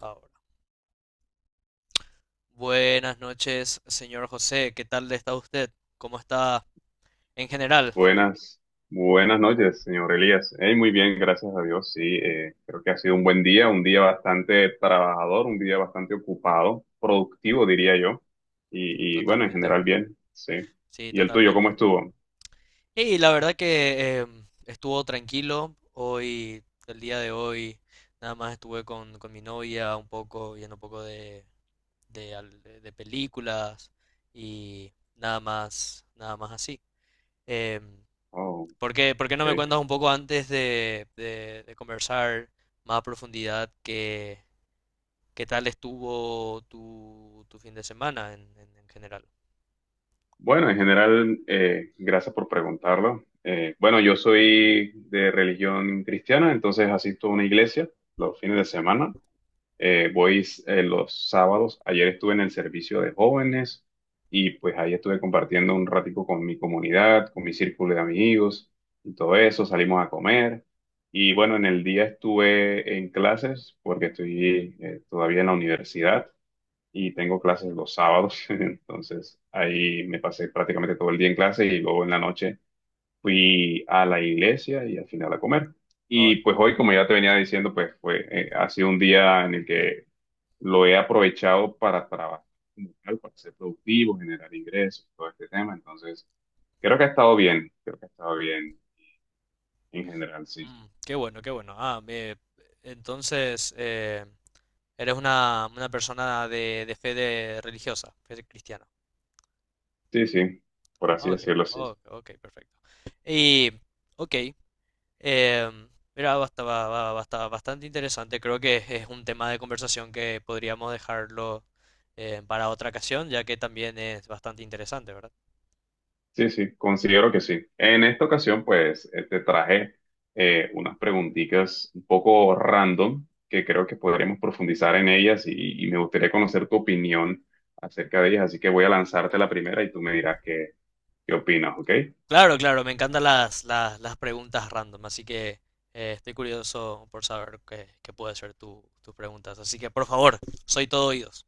Ahora. Buenas noches, señor José. ¿Qué tal está usted? ¿Cómo está en general? Buenas, buenas noches, señor Elías. Hey, muy bien, gracias a Dios. Sí, creo que ha sido un buen día, un día bastante trabajador, un día bastante ocupado, productivo, diría yo. Y, bueno, en Totalmente. general bien, sí. Sí, ¿Y el tuyo, cómo totalmente. estuvo? Y la verdad que estuvo tranquilo. Hoy, el día de hoy, nada más estuve con mi novia un poco, viendo un poco de películas y nada más, nada más así. Em, Oh, ¿Por qué, por qué no me ok. cuentas un poco antes de conversar más a profundidad que... ¿Qué tal estuvo tu, tu fin de semana en general? Bueno, en general, gracias por preguntarlo. Bueno, yo soy de religión cristiana, entonces asisto a una iglesia los fines de semana. Voy los sábados. Ayer estuve en el servicio de jóvenes y pues ahí estuve compartiendo un ratico con mi comunidad, con mi círculo de amigos y todo eso. Salimos a comer y bueno, en el día estuve en clases porque estoy todavía en la universidad y tengo clases los sábados. Entonces ahí me pasé prácticamente todo el día en clase y luego en la noche fui a la iglesia y al final a comer. Ah, Y pues hoy, como ya te venía diciendo, ha sido un día en el que lo he aprovechado para trabajar, como tal, para ser productivo, generar ingresos, todo este tema. Entonces, creo que ha estado bien, creo que ha estado bien en general, sí. Qué bueno, qué bueno. Entonces eres una persona de, religiosa, fe cristiana. Sí, sí, por así Ah, ok, decirlo, sí. ok, ok, perfecto. Y, ok, em, mira, bastante interesante. Creo que es un tema de conversación que podríamos dejarlo para otra ocasión, ya que también es bastante interesante, ¿verdad? Sí, sí, considero que sí. En esta ocasión, pues, te traje unas preguntitas un poco random que creo que podremos profundizar en ellas y me gustaría conocer tu opinión acerca de ellas. Así que voy a lanzarte la primera y tú me dirás qué opinas, ¿ok? Claro, claro, me encantan las preguntas random, así que estoy curioso por saber qué, qué puede ser tu, tus preguntas. Así que, por favor, soy todo oídos.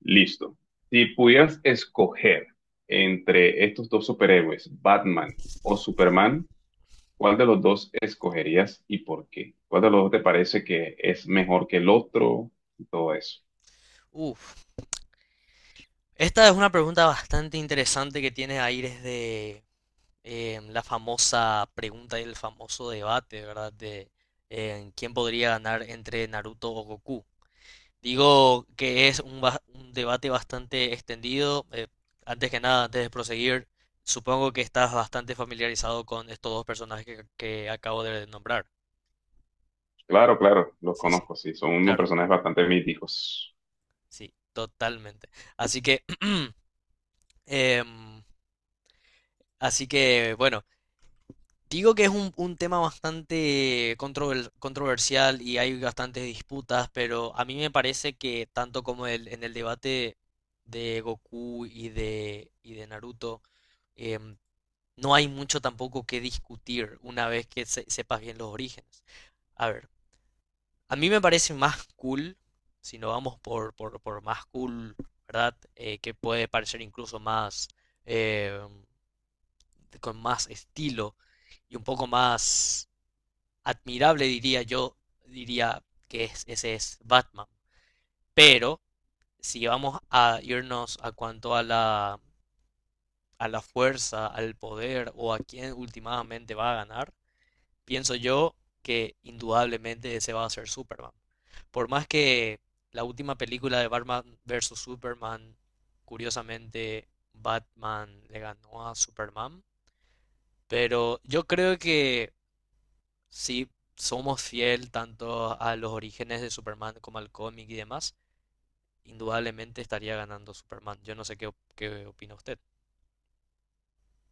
Listo. Si pudieras escoger entre estos dos superhéroes, Batman o Superman, ¿cuál de los dos escogerías y por qué? ¿Cuál de los dos te parece que es mejor que el otro y todo eso? Uf, esta es una pregunta bastante interesante que tiene aires de la famosa pregunta y el famoso debate, ¿verdad? De quién podría ganar entre Naruto o Goku. Digo que es un debate bastante extendido. Antes que nada, antes de proseguir, supongo que estás bastante familiarizado con estos dos personajes que acabo de nombrar. Claro, claro, los Sí, sí, conozco, sí, son unos claro, personajes bastante míticos. sí, totalmente. Así que, em, así que, bueno, digo que es un tema controversial y hay bastantes disputas, pero a mí me parece que tanto como en el debate de Goku y y de Naruto, em, no hay mucho tampoco que discutir una vez que sepas bien los orígenes. A ver, a mí me parece más cool, si no vamos por, por más cool, ¿verdad? Que puede parecer incluso más, eh, con más estilo y un poco más admirable, diría yo, diría que ese es Batman. Pero si vamos a irnos a cuanto a la fuerza, al poder o a quién últimamente va a ganar, pienso yo que indudablemente ese va a ser Superman. Por más que la última película de Batman versus Superman, curiosamente, Batman le ganó a Superman, pero yo creo que si somos fiel tanto a los orígenes de Superman como al cómic y demás, indudablemente estaría ganando Superman. Yo no sé qué opina usted.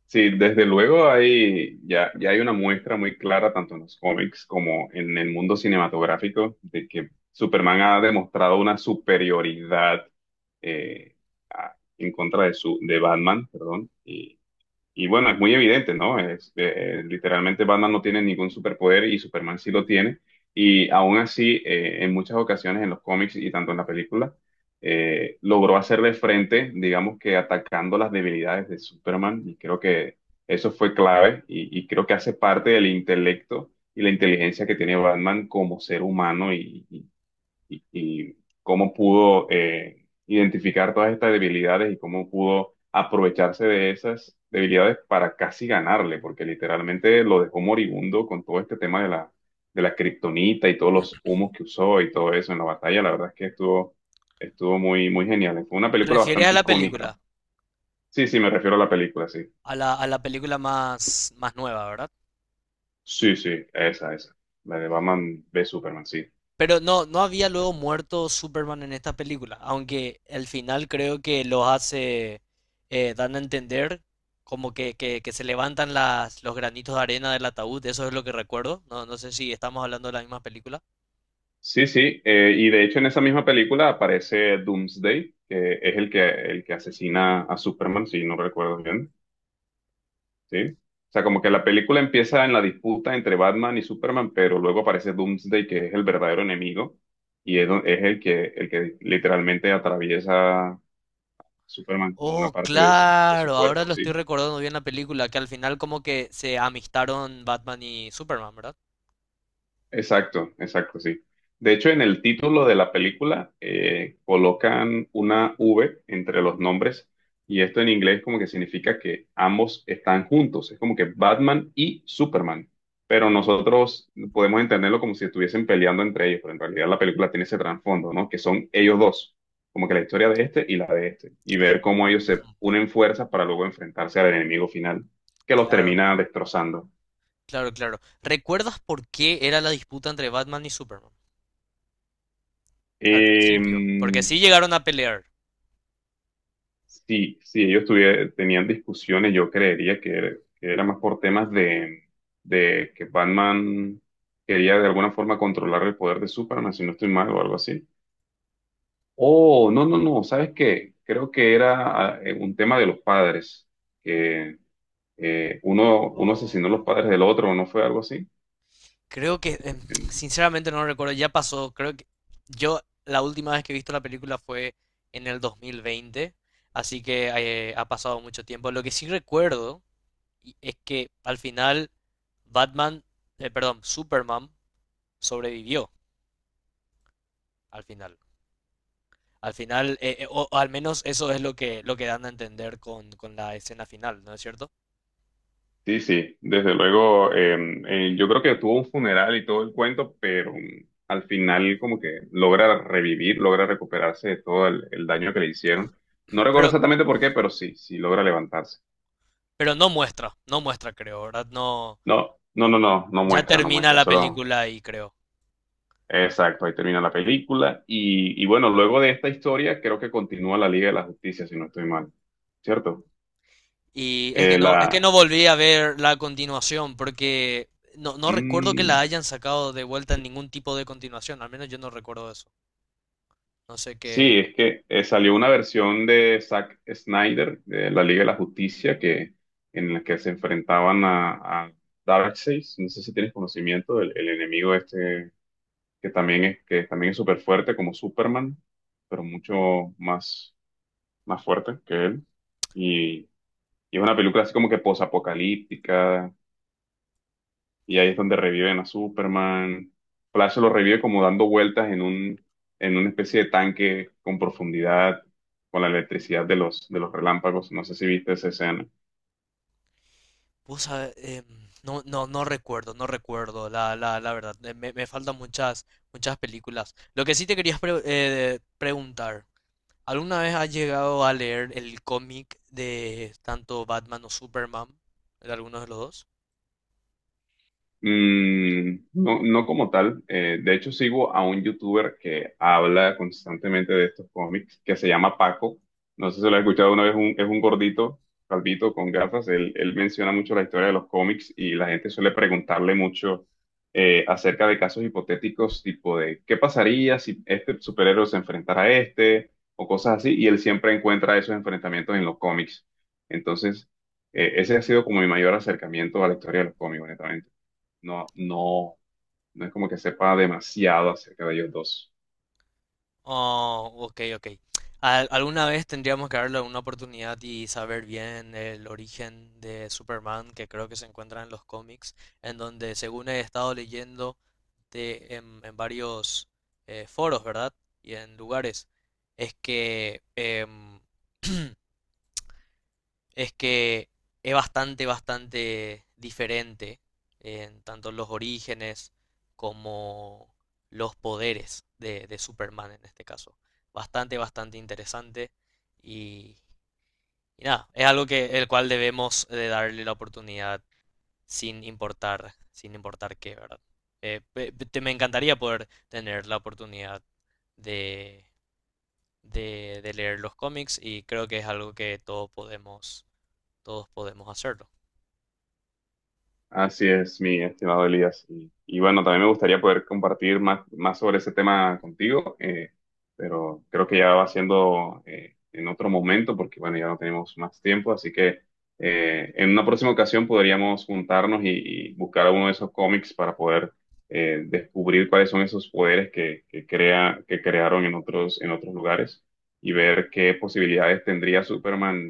Sí, desde luego ya hay una muestra muy clara, tanto en los cómics como en el mundo cinematográfico, de que Superman ha demostrado una superioridad eh, en contra de Batman, perdón, y bueno, es muy evidente, ¿no? Literalmente Batman no tiene ningún superpoder y Superman sí lo tiene. Y aún así, en muchas ocasiones en los cómics y tanto en la película, logró hacerle frente, digamos que atacando las debilidades de Superman. Y creo que eso fue clave y creo que hace parte del intelecto y la inteligencia que tiene Batman como ser humano y cómo pudo identificar todas estas debilidades y cómo pudo aprovecharse de esas debilidades para casi ganarle, porque literalmente lo dejó moribundo con todo este tema de la, kriptonita y todos los humos que usó y todo eso en la batalla. La verdad es que estuvo muy, muy genial. Fue una ¿Te película refieres a bastante la icónica. película? Sí, sí, me refiero a la película, sí. A la película más, más nueva, ¿verdad? Sí, sí, esa, esa. La de Batman v Superman, sí. Pero no, no había luego muerto Superman en esta película, aunque al final creo que lo hace, dan a entender como que se levantan las, los granitos de arena del ataúd, eso es lo que recuerdo, no, no sé si estamos hablando de la misma película. Sí, sí, y de hecho en esa misma película aparece Doomsday, que es el que asesina a Superman, si no recuerdo bien, ¿sí? O sea, como que la película empieza en la disputa entre Batman y Superman, pero luego aparece Doomsday, que es el verdadero enemigo, y es el que literalmente atraviesa a Superman con una Oh, parte de su claro, ahora cuerpo, lo estoy ¿sí? recordando bien la película, que al final como que se amistaron Batman y Superman, ¿verdad? Exacto, exacto, sí. De hecho, en el título de la película colocan una V entre los nombres y esto en inglés como que significa que ambos están juntos. Es como que Batman y Superman, pero nosotros podemos entenderlo como si estuviesen peleando entre ellos, pero en realidad la película tiene ese trasfondo, ¿no? Que son ellos dos, como que la historia de este y la de este, y ver cómo ellos se Ujú. unen fuerzas para luego enfrentarse al enemigo final que los Claro, termina destrozando. claro, claro. ¿Recuerdas por qué era la disputa entre Batman y Superman? Al principio, porque Em, sí llegaron a pelear. si ellos tenían discusiones, yo creería que era, más por temas de que Batman quería de alguna forma controlar el poder de Superman, si no estoy mal, o algo así. Oh, no, no, no, ¿sabes qué? Creo que era un tema de los padres, que uno asesinó a los Oh. padres del otro, ¿no fue algo así? Creo que, sinceramente no recuerdo, ya pasó, creo que yo la última vez que he visto la película fue en el 2020, así que ha pasado mucho tiempo. Lo que sí recuerdo es que al final Batman, Superman sobrevivió al final. Al final, o al menos eso es lo que dan a entender con la escena final, ¿no es cierto? Sí, sí, desde luego, yo creo que tuvo un funeral y todo el cuento, pero al final como que logra revivir, logra recuperarse de todo el daño que le hicieron. No recuerdo Pero, exactamente por qué, pero sí, sí logra levantarse. pero no muestra, no muestra, creo, ¿verdad? No, No, no, no, no, no ya muestra, no termina muestra, la solo, película ahí, creo. exacto, ahí termina la película. Y bueno, luego de esta historia creo que continúa la Liga de la Justicia, si no estoy mal, ¿cierto? Y Eh, es que la, no volví a ver la continuación porque no, no recuerdo que la mm, hayan sacado de vuelta en ningún tipo de continuación, al menos yo no recuerdo eso. No sé qué. Sí, es que salió una versión de Zack Snyder, de la Liga de la Justicia, que, en la que se enfrentaban a, Darkseid. No sé si tienes conocimiento del el enemigo este, que también es súper fuerte como Superman, pero mucho más fuerte que él. Y, y, es una película así como que posapocalíptica, y ahí es donde reviven a Superman. Flash lo revive como dando vueltas en una especie de tanque con profundidad, con la electricidad de los relámpagos. No sé si viste esa escena. Vos sabe- em, no, no, no recuerdo, no recuerdo, la verdad. Me, me faltan muchas, muchas películas. Lo que sí te quería preguntar, ¿alguna vez has llegado a leer el cómic de tanto Batman o Superman? ¿De alguno de los dos? Mm, no, no como tal. De hecho, sigo a un youtuber que habla constantemente de estos cómics, que se llama Paco. No sé si lo has escuchado una vez, es un gordito, calvito, con gafas. Él menciona mucho la historia de los cómics y la gente suele preguntarle mucho acerca de casos hipotéticos, tipo de qué pasaría si este superhéroe se enfrentara a este o cosas así. Y él siempre encuentra esos enfrentamientos en los cómics. Entonces, ese ha sido como mi mayor acercamiento a la historia de los cómics, honestamente. No, no, no es como que sepa demasiado acerca de ellos dos. Oh, ok, ok. Alguna vez tendríamos que darle una oportunidad y saber bien el origen de Superman, que creo que se encuentra en los cómics, en donde, según he estado leyendo en varios foros, ¿verdad? Y en lugares, es que es que es bastante, bastante diferente en tanto los orígenes como los poderes de Superman en este caso. Bastante, bastante interesante y, y nada, es algo que el cual debemos de darle la oportunidad sin importar, sin importar qué, ¿verdad? Me encantaría poder tener la oportunidad de, de leer los cómics y creo que es algo que todos podemos hacerlo. Así es, mi estimado Elías. Y, bueno, también me gustaría poder compartir más, sobre ese tema contigo, pero creo que ya va siendo en otro momento, porque bueno, ya no tenemos más tiempo, así que en una próxima ocasión podríamos juntarnos y buscar uno de esos cómics para poder descubrir cuáles son esos poderes que crearon en otros lugares y ver qué posibilidades tendría Superman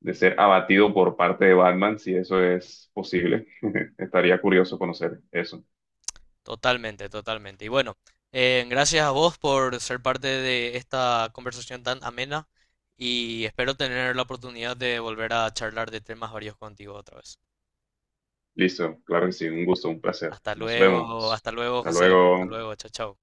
de ser abatido por parte de Batman, si eso es posible. Estaría curioso conocer eso. Totalmente, totalmente. Y bueno, gracias a vos por ser parte de esta conversación tan amena y espero tener la oportunidad de volver a charlar de temas varios contigo otra vez. Listo, claro que sí, un gusto, un placer. Nos vemos. Hasta luego, Hasta José. Hasta luego. luego, chao, chao.